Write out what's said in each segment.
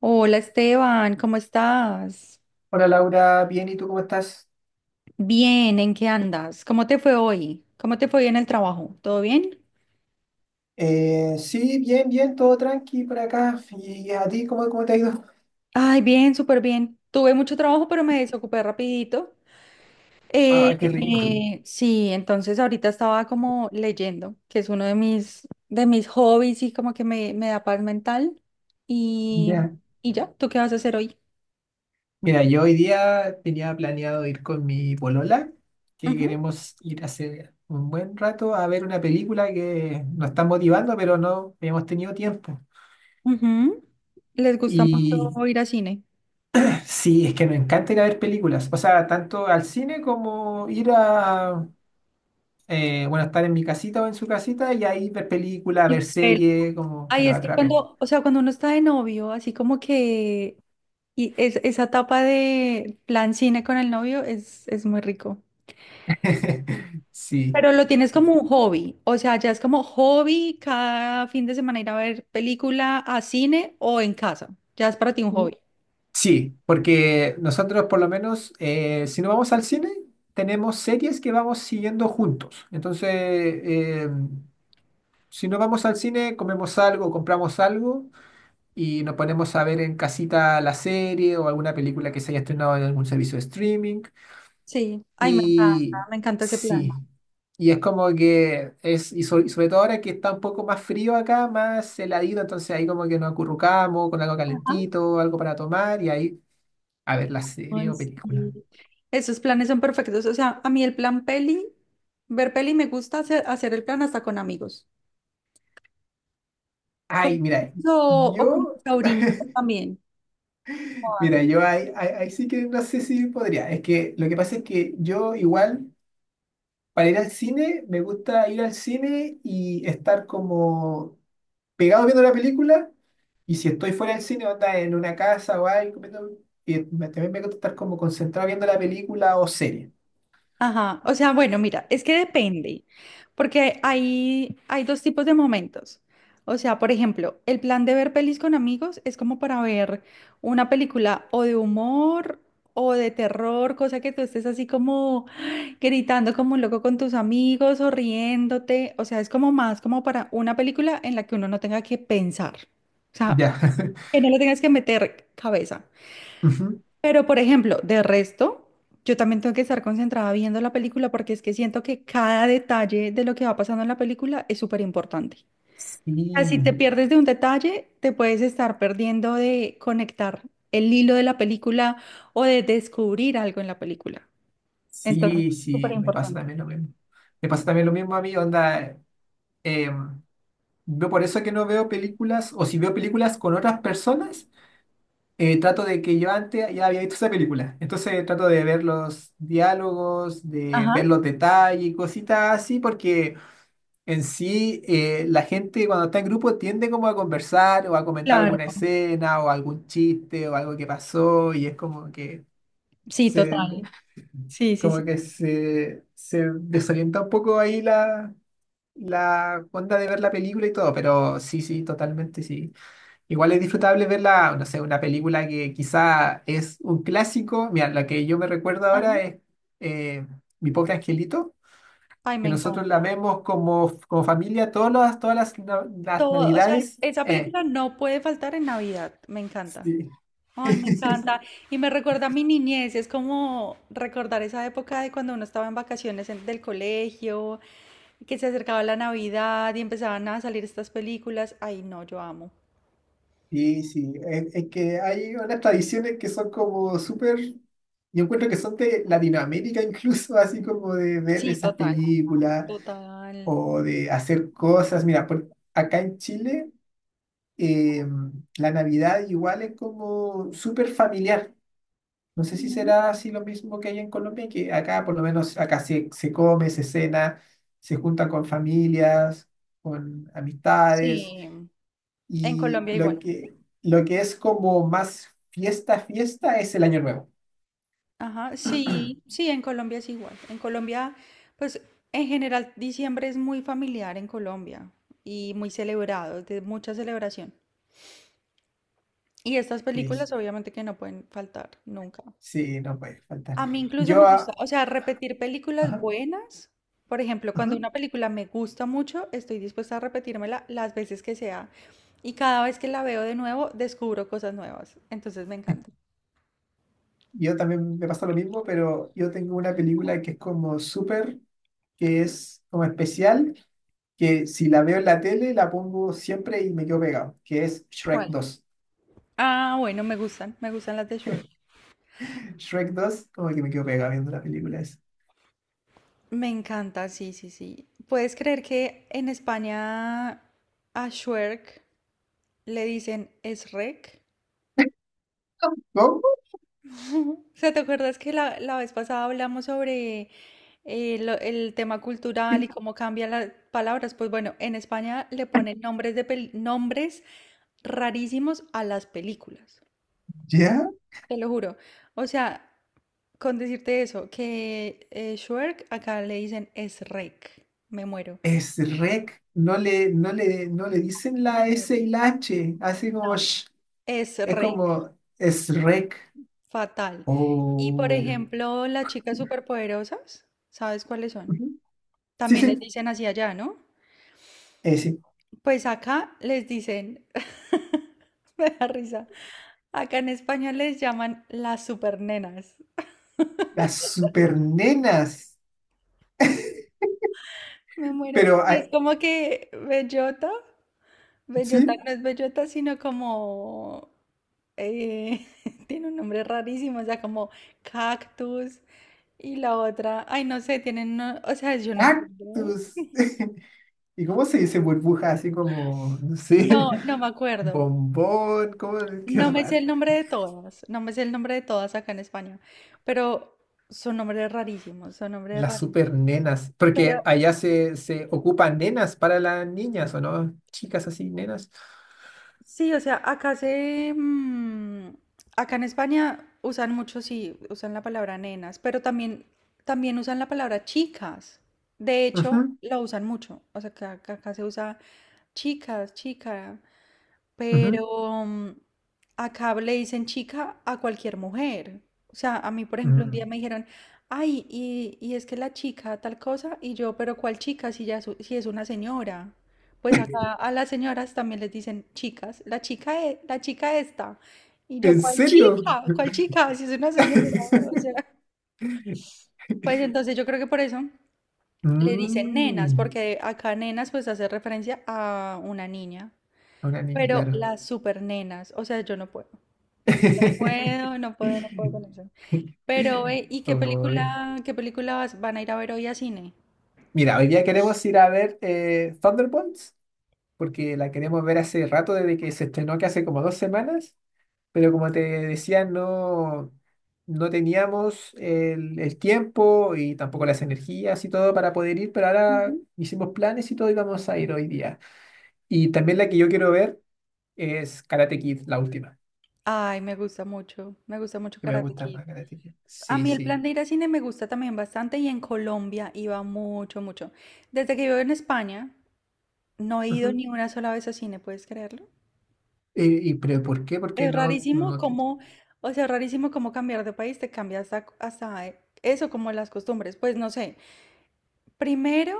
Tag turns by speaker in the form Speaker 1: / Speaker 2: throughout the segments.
Speaker 1: Hola Esteban, ¿cómo estás?
Speaker 2: Hola Laura, bien, ¿y tú cómo estás?
Speaker 1: Bien, ¿en qué andas? ¿Cómo te fue hoy? ¿Cómo te fue hoy en el trabajo? ¿Todo bien?
Speaker 2: Sí, bien, bien, todo tranqui por acá. ¿Y a ti cómo te ha ido?
Speaker 1: Ay, bien, súper bien. Tuve mucho trabajo, pero me desocupé rapidito. Eh,
Speaker 2: Ah, qué rico.
Speaker 1: sí, entonces ahorita estaba como leyendo, que es uno de mis hobbies y como que me da paz mental. Y,
Speaker 2: Ya.
Speaker 1: y ya, ¿tú qué vas a hacer hoy?
Speaker 2: Mira, yo hoy día tenía planeado ir con mi polola, que
Speaker 1: Ujú,
Speaker 2: queremos ir hace un buen rato a ver una película que nos está motivando, pero no hemos tenido tiempo.
Speaker 1: ujú. ¿Les gusta
Speaker 2: Y
Speaker 1: mucho ir al cine?
Speaker 2: sí, es que nos encanta ir a ver películas, o sea, tanto al cine como ir a, bueno, estar en mi casita o en su casita y ahí ver películas, ver series, como que
Speaker 1: Ay,
Speaker 2: nos
Speaker 1: es que
Speaker 2: atrapen.
Speaker 1: cuando, o sea, cuando uno está de novio, así como que esa etapa de plan cine con el novio es muy rico.
Speaker 2: Sí,
Speaker 1: Pero lo tienes como
Speaker 2: sí.
Speaker 1: un hobby, o sea, ya es como hobby cada fin de semana ir a ver película a cine o en casa. Ya es para ti un hobby.
Speaker 2: Sí, porque nosotros por lo menos, si no vamos al cine, tenemos series que vamos siguiendo juntos. Entonces, si no vamos al cine, comemos algo, compramos algo y nos ponemos a ver en casita la serie o alguna película que se haya estrenado en algún servicio de streaming.
Speaker 1: Sí, ay,
Speaker 2: Y
Speaker 1: me encanta ese plan.
Speaker 2: sí, y es como que es, y sobre todo ahora que está un poco más frío acá, más heladito, entonces ahí como que nos acurrucamos con algo
Speaker 1: Ajá.
Speaker 2: calentito, algo para tomar y ahí a ver la serie
Speaker 1: Ay,
Speaker 2: o película.
Speaker 1: sí. Esos planes son perfectos. O sea, a mí el plan peli, ver peli me gusta hacer el plan hasta con amigos. Con,
Speaker 2: Ay,
Speaker 1: o, con
Speaker 2: yo,
Speaker 1: sobrinitos también. Ah,
Speaker 2: mira, yo ahí sí que no sé si podría. Es que lo que pasa es que yo igual, para ir al cine, me gusta ir al cine y estar como pegado viendo la película y si estoy fuera del cine, onda en una casa o algo, también me gusta estar como concentrado viendo la película o serie.
Speaker 1: ajá, o sea, bueno, mira, es que depende, porque hay dos tipos de momentos. O sea, por ejemplo, el plan de ver pelis con amigos es como para ver una película o de humor o de terror, cosa que tú estés así como gritando como un loco con tus amigos o riéndote. O sea, es como más como para una película en la que uno no tenga que pensar. O sea,
Speaker 2: Ya.
Speaker 1: que no le tengas que meter cabeza.
Speaker 2: Ujú.
Speaker 1: Pero, por ejemplo, de resto, yo también tengo que estar concentrada viendo la película porque es que siento que cada detalle de lo que va pasando en la película es súper importante.
Speaker 2: Sí,
Speaker 1: O sea, si te pierdes de un detalle, te puedes estar perdiendo de conectar el hilo de la película o de descubrir algo en la película. Entonces,
Speaker 2: sí,
Speaker 1: súper
Speaker 2: sí, me pasa
Speaker 1: importante.
Speaker 2: también lo mismo. Me pasa también lo mismo a mí, onda. em, yo por eso que no veo películas, o si veo películas con otras personas, trato de que yo antes ya había visto esa película. Entonces trato de ver los diálogos, de
Speaker 1: Ajá.
Speaker 2: ver los detalles y cositas así, porque en sí, la gente cuando está en grupo tiende como a conversar o a comentar
Speaker 1: Claro.
Speaker 2: alguna escena o algún chiste o algo que pasó y es como que
Speaker 1: Sí,
Speaker 2: se,
Speaker 1: total. Sí, sí, sí.
Speaker 2: se desorienta un poco ahí la onda de ver la película y todo, pero sí, sí, totalmente sí. Igual es disfrutable verla, no sé, una película que quizá es un clásico. Mira, la que yo me recuerdo
Speaker 1: Ajá.
Speaker 2: ahora es eh, Mi pobre angelito,
Speaker 1: Ay, me
Speaker 2: que nosotros
Speaker 1: encanta.
Speaker 2: la vemos como, como familia las
Speaker 1: Todo, o sea,
Speaker 2: navidades.
Speaker 1: esa película no puede faltar en Navidad. Me encanta.
Speaker 2: Sí.
Speaker 1: Ay, me encanta. Y me recuerda a mi niñez. Es como recordar esa época de cuando uno estaba en vacaciones del colegio, que se acercaba la Navidad y empezaban a salir estas películas. Ay, no, yo amo.
Speaker 2: Sí, sí, es que hay unas tradiciones que son como súper, yo encuentro que son de Latinoamérica incluso, así como de ver
Speaker 1: Sí,
Speaker 2: esas
Speaker 1: total.
Speaker 2: películas
Speaker 1: Total.
Speaker 2: o de hacer cosas. Mira, acá en Chile eh, la Navidad igual es como súper familiar. No sé si
Speaker 1: Ujú.
Speaker 2: será así lo mismo que hay en Colombia, que acá por lo menos acá se come, se cena, se junta con familias, con amistades.
Speaker 1: Sí. En
Speaker 2: Y
Speaker 1: Colombia
Speaker 2: lo
Speaker 1: igual.
Speaker 2: que, lo que es como más fiesta, fiesta es el Año Nuevo.
Speaker 1: Ajá, sí, sí, en Colombia es igual. En Colombia, pues en general diciembre es muy familiar en Colombia y muy celebrado, de mucha celebración. Y estas
Speaker 2: Y
Speaker 1: películas obviamente que no pueden faltar nunca.
Speaker 2: sí, no puede faltar.
Speaker 1: A mí incluso me
Speaker 2: Yo,
Speaker 1: gusta,
Speaker 2: ah,
Speaker 1: o sea, repetir películas
Speaker 2: ajá,
Speaker 1: buenas. Por ejemplo, cuando
Speaker 2: ajá.
Speaker 1: una película me gusta mucho, estoy dispuesta a repetírmela las veces que sea. Y cada vez que la veo de nuevo, descubro cosas nuevas. Entonces me encanta.
Speaker 2: Yo también me pasa lo mismo, pero yo tengo una película que es como súper, que es como especial, que si la veo en la tele la pongo siempre y me quedo pegado, que es Shrek
Speaker 1: ¿Cuál?
Speaker 2: dos.
Speaker 1: Ah, bueno, me gustan las de Shrek.
Speaker 2: Shrek dos, como que me quedo pegado viendo la película esa.
Speaker 1: Me encanta, sí, sí, sí. ¿Puedes creer que en España a Shrek le dicen Shrek?
Speaker 2: ¿Cómo?
Speaker 1: O sea, ¿te acuerdas que la vez pasada hablamos sobre el tema cultural y cómo cambian las palabras? Pues bueno, en España le ponen nombres rarísimos a las películas.
Speaker 2: ¿Ya?
Speaker 1: Te lo juro. O sea, con decirte eso, que Shrek, acá le dicen es rec. Me muero.
Speaker 2: Es Shrek, no le dicen
Speaker 1: Me
Speaker 2: la S
Speaker 1: muero.
Speaker 2: y la H, así como
Speaker 1: No,
Speaker 2: sh,
Speaker 1: es
Speaker 2: es
Speaker 1: rec.
Speaker 2: como es Shrek.
Speaker 1: Fatal. Y por
Speaker 2: Oh.
Speaker 1: ejemplo, las chicas superpoderosas, ¿sabes cuáles son?
Speaker 2: Ujú. Sí,
Speaker 1: También les
Speaker 2: sí,
Speaker 1: dicen así allá, ¿no?
Speaker 2: sí.
Speaker 1: Pues acá les dicen, me da risa, acá en España les llaman las supernenas.
Speaker 2: Las super nenas.
Speaker 1: Me muero.
Speaker 2: Pero,
Speaker 1: Y
Speaker 2: ah,
Speaker 1: es como que bellota, bellota
Speaker 2: sí,
Speaker 1: no es bellota, sino como, eh, tiene un nombre rarísimo, o sea, como cactus y la otra, ay, no sé, o sea, yo no entiendo.
Speaker 2: cactus. ¿Y cómo se dice burbuja? Así como, no sé,
Speaker 1: No, no me acuerdo.
Speaker 2: bombón, ¿cómo? Qué
Speaker 1: No me sé
Speaker 2: raro.
Speaker 1: el nombre de todas, no me sé el nombre de todas acá en España, pero son nombres rarísimos, son nombres
Speaker 2: Las super
Speaker 1: rarísimos.
Speaker 2: nenas, porque
Speaker 1: Pero
Speaker 2: allá se ocupan nenas para las niñas, ¿o no? Chicas así, nenas.
Speaker 1: sí, o sea, acá en España usan mucho, sí, usan la palabra nenas, también usan la palabra chicas. De hecho,
Speaker 2: Ujú,
Speaker 1: la usan mucho. O sea, que acá se usa chicas, chica.
Speaker 2: ujú,
Speaker 1: Pero acá le dicen chica a cualquier mujer. O sea, a mí, por ejemplo, un día
Speaker 2: mm.
Speaker 1: me dijeron, ay, y es que la chica tal cosa, y yo, pero ¿cuál chica si ya si es una señora? Pues acá a las señoras también les dicen chicas, la chica esta. Y yo,
Speaker 2: ¿En
Speaker 1: ¿cuál
Speaker 2: serio?
Speaker 1: chica? ¿Cuál chica? Si es una señora. O sea, pues entonces yo creo que por eso le dicen nenas,
Speaker 2: Mm,
Speaker 1: porque acá nenas pues hace referencia a una niña.
Speaker 2: una niña,
Speaker 1: Pero
Speaker 2: claro.
Speaker 1: las super nenas, o sea, yo no puedo. No puedo, no puedo, no puedo con eso. Pero, ¿y qué
Speaker 2: Uy.
Speaker 1: película, van a ir a ver hoy a cine?
Speaker 2: Mira, hoy día queremos ir a ver Thunderbolts, porque la queremos ver hace rato desde que se estrenó, que hace como 2 semanas, pero como te decía, no, no teníamos el tiempo y tampoco las energías y todo para poder ir, pero ahora hicimos planes y todo y vamos a ir hoy día. Y también la que yo quiero ver es Karate Kid, la última,
Speaker 1: Ay, me gusta mucho
Speaker 2: que me
Speaker 1: Karate
Speaker 2: gusta
Speaker 1: Kid.
Speaker 2: más Karate Kid.
Speaker 1: A
Speaker 2: Sí,
Speaker 1: mí el
Speaker 2: sí.
Speaker 1: plan de ir a cine me gusta también bastante y en Colombia iba mucho, mucho. Desde que vivo en España, no he ido
Speaker 2: Ujú.
Speaker 1: ni una sola vez a cine, ¿puedes creerlo?
Speaker 2: Y, pero ¿por qué? Porque
Speaker 1: Es
Speaker 2: no,
Speaker 1: rarísimo
Speaker 2: no te-
Speaker 1: cómo, o sea, rarísimo cómo cambiar de país te cambia hasta eso, como las costumbres. Pues no sé. Primero,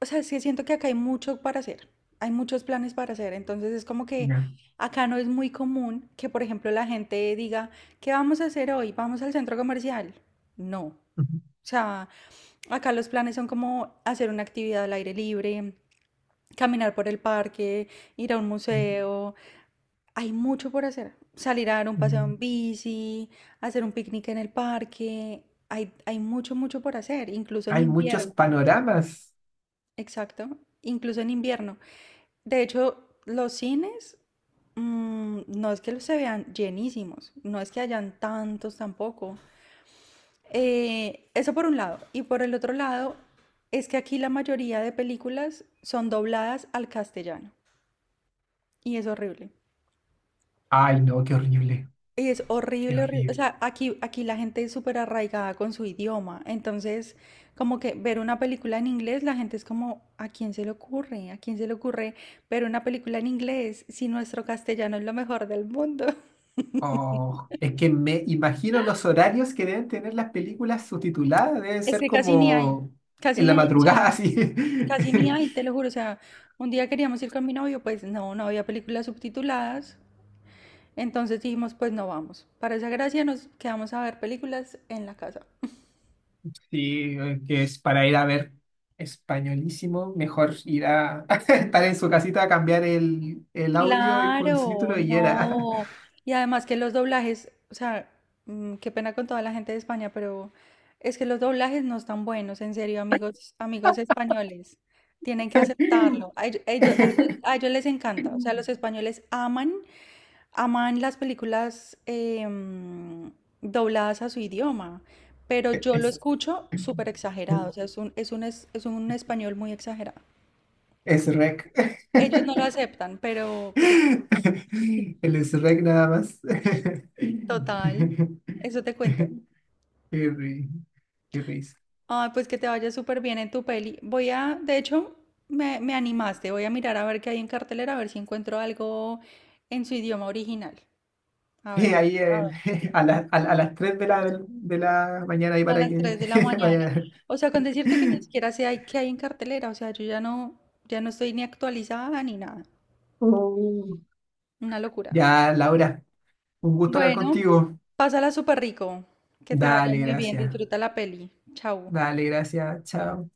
Speaker 1: o sea, es que siento que acá hay mucho para hacer, hay muchos planes para hacer, entonces es como que
Speaker 2: Ya.
Speaker 1: acá no es muy común que, por ejemplo, la gente diga, ¿qué vamos a hacer hoy? ¿Vamos al centro comercial? No. O
Speaker 2: Ujú.
Speaker 1: sea, acá los planes son como hacer una actividad al aire libre, caminar por el parque, ir a un museo, hay mucho por hacer, salir a dar un paseo
Speaker 2: Mm.
Speaker 1: en bici, hacer un picnic en el parque, hay mucho, mucho por hacer, incluso en
Speaker 2: Hay muchos
Speaker 1: invierno,
Speaker 2: panoramas.
Speaker 1: exacto, incluso en invierno. De hecho, los cines, mm, no es que los se vean llenísimos, no es que hayan tantos tampoco. Eso por un lado. Y por el otro lado, es que aquí la mayoría de películas son dobladas al castellano. Y es horrible.
Speaker 2: Ay, no, qué horrible,
Speaker 1: Y es
Speaker 2: qué
Speaker 1: horrible, horrible. O
Speaker 2: horrible.
Speaker 1: sea, aquí la gente es súper arraigada con su idioma. Entonces, como que ver una película en inglés, la gente es como, ¿a quién se le ocurre? ¿A quién se le ocurre ver una película en inglés si nuestro castellano es lo mejor del mundo?
Speaker 2: Oh, es que me imagino los horarios que deben tener las películas subtituladas, deben
Speaker 1: Es
Speaker 2: ser
Speaker 1: que casi ni hay,
Speaker 2: como
Speaker 1: casi
Speaker 2: en la
Speaker 1: ni, o sea,
Speaker 2: madrugada, así.
Speaker 1: casi ni hay, te lo juro, o sea, un día queríamos ir con mi novio, pues no, no había películas subtituladas, entonces dijimos, pues no vamos. Para esa gracia nos quedamos a ver películas en la casa.
Speaker 2: Sí, que es para ir a ver españolísimo, mejor ir a estar en su casita a cambiar el audio y con
Speaker 1: Claro,
Speaker 2: subtítulo y era.
Speaker 1: no. Y además que los doblajes, o sea, qué pena con toda la gente de España, pero es que los doblajes no están buenos, en serio, amigos españoles. Tienen que aceptarlo. A ellos les encanta. O sea, los españoles aman las películas dobladas a su idioma, pero yo lo
Speaker 2: Es,
Speaker 1: escucho súper exagerado, o sea, es un español muy exagerado.
Speaker 2: es rec.
Speaker 1: Ellos no lo aceptan, pero
Speaker 2: El es rec nada más. Qué
Speaker 1: total, eso te cuento.
Speaker 2: ri- qué risa.
Speaker 1: Ay, pues que te vaya súper bien en tu peli. Voy a, de hecho, me animaste, voy a mirar a ver qué hay en cartelera, a ver si encuentro algo en su idioma original. A ver.
Speaker 2: Eh, ahí en- a las 3 de la mañana ahí
Speaker 1: A
Speaker 2: para
Speaker 1: las
Speaker 2: que
Speaker 1: 3 de la mañana.
Speaker 2: vaya.
Speaker 1: O sea, con decirte que ni siquiera qué hay en cartelera, o sea, yo ya no, ya no estoy ni actualizada ni nada.
Speaker 2: Oh.
Speaker 1: Una locura.
Speaker 2: Ya, Laura, un gusto hablar
Speaker 1: Bueno,
Speaker 2: contigo.
Speaker 1: pásala súper rico. Que te vaya
Speaker 2: Dale,
Speaker 1: muy bien,
Speaker 2: gracias.
Speaker 1: disfruta la peli. Chau.
Speaker 2: Dale, gracias. Chao.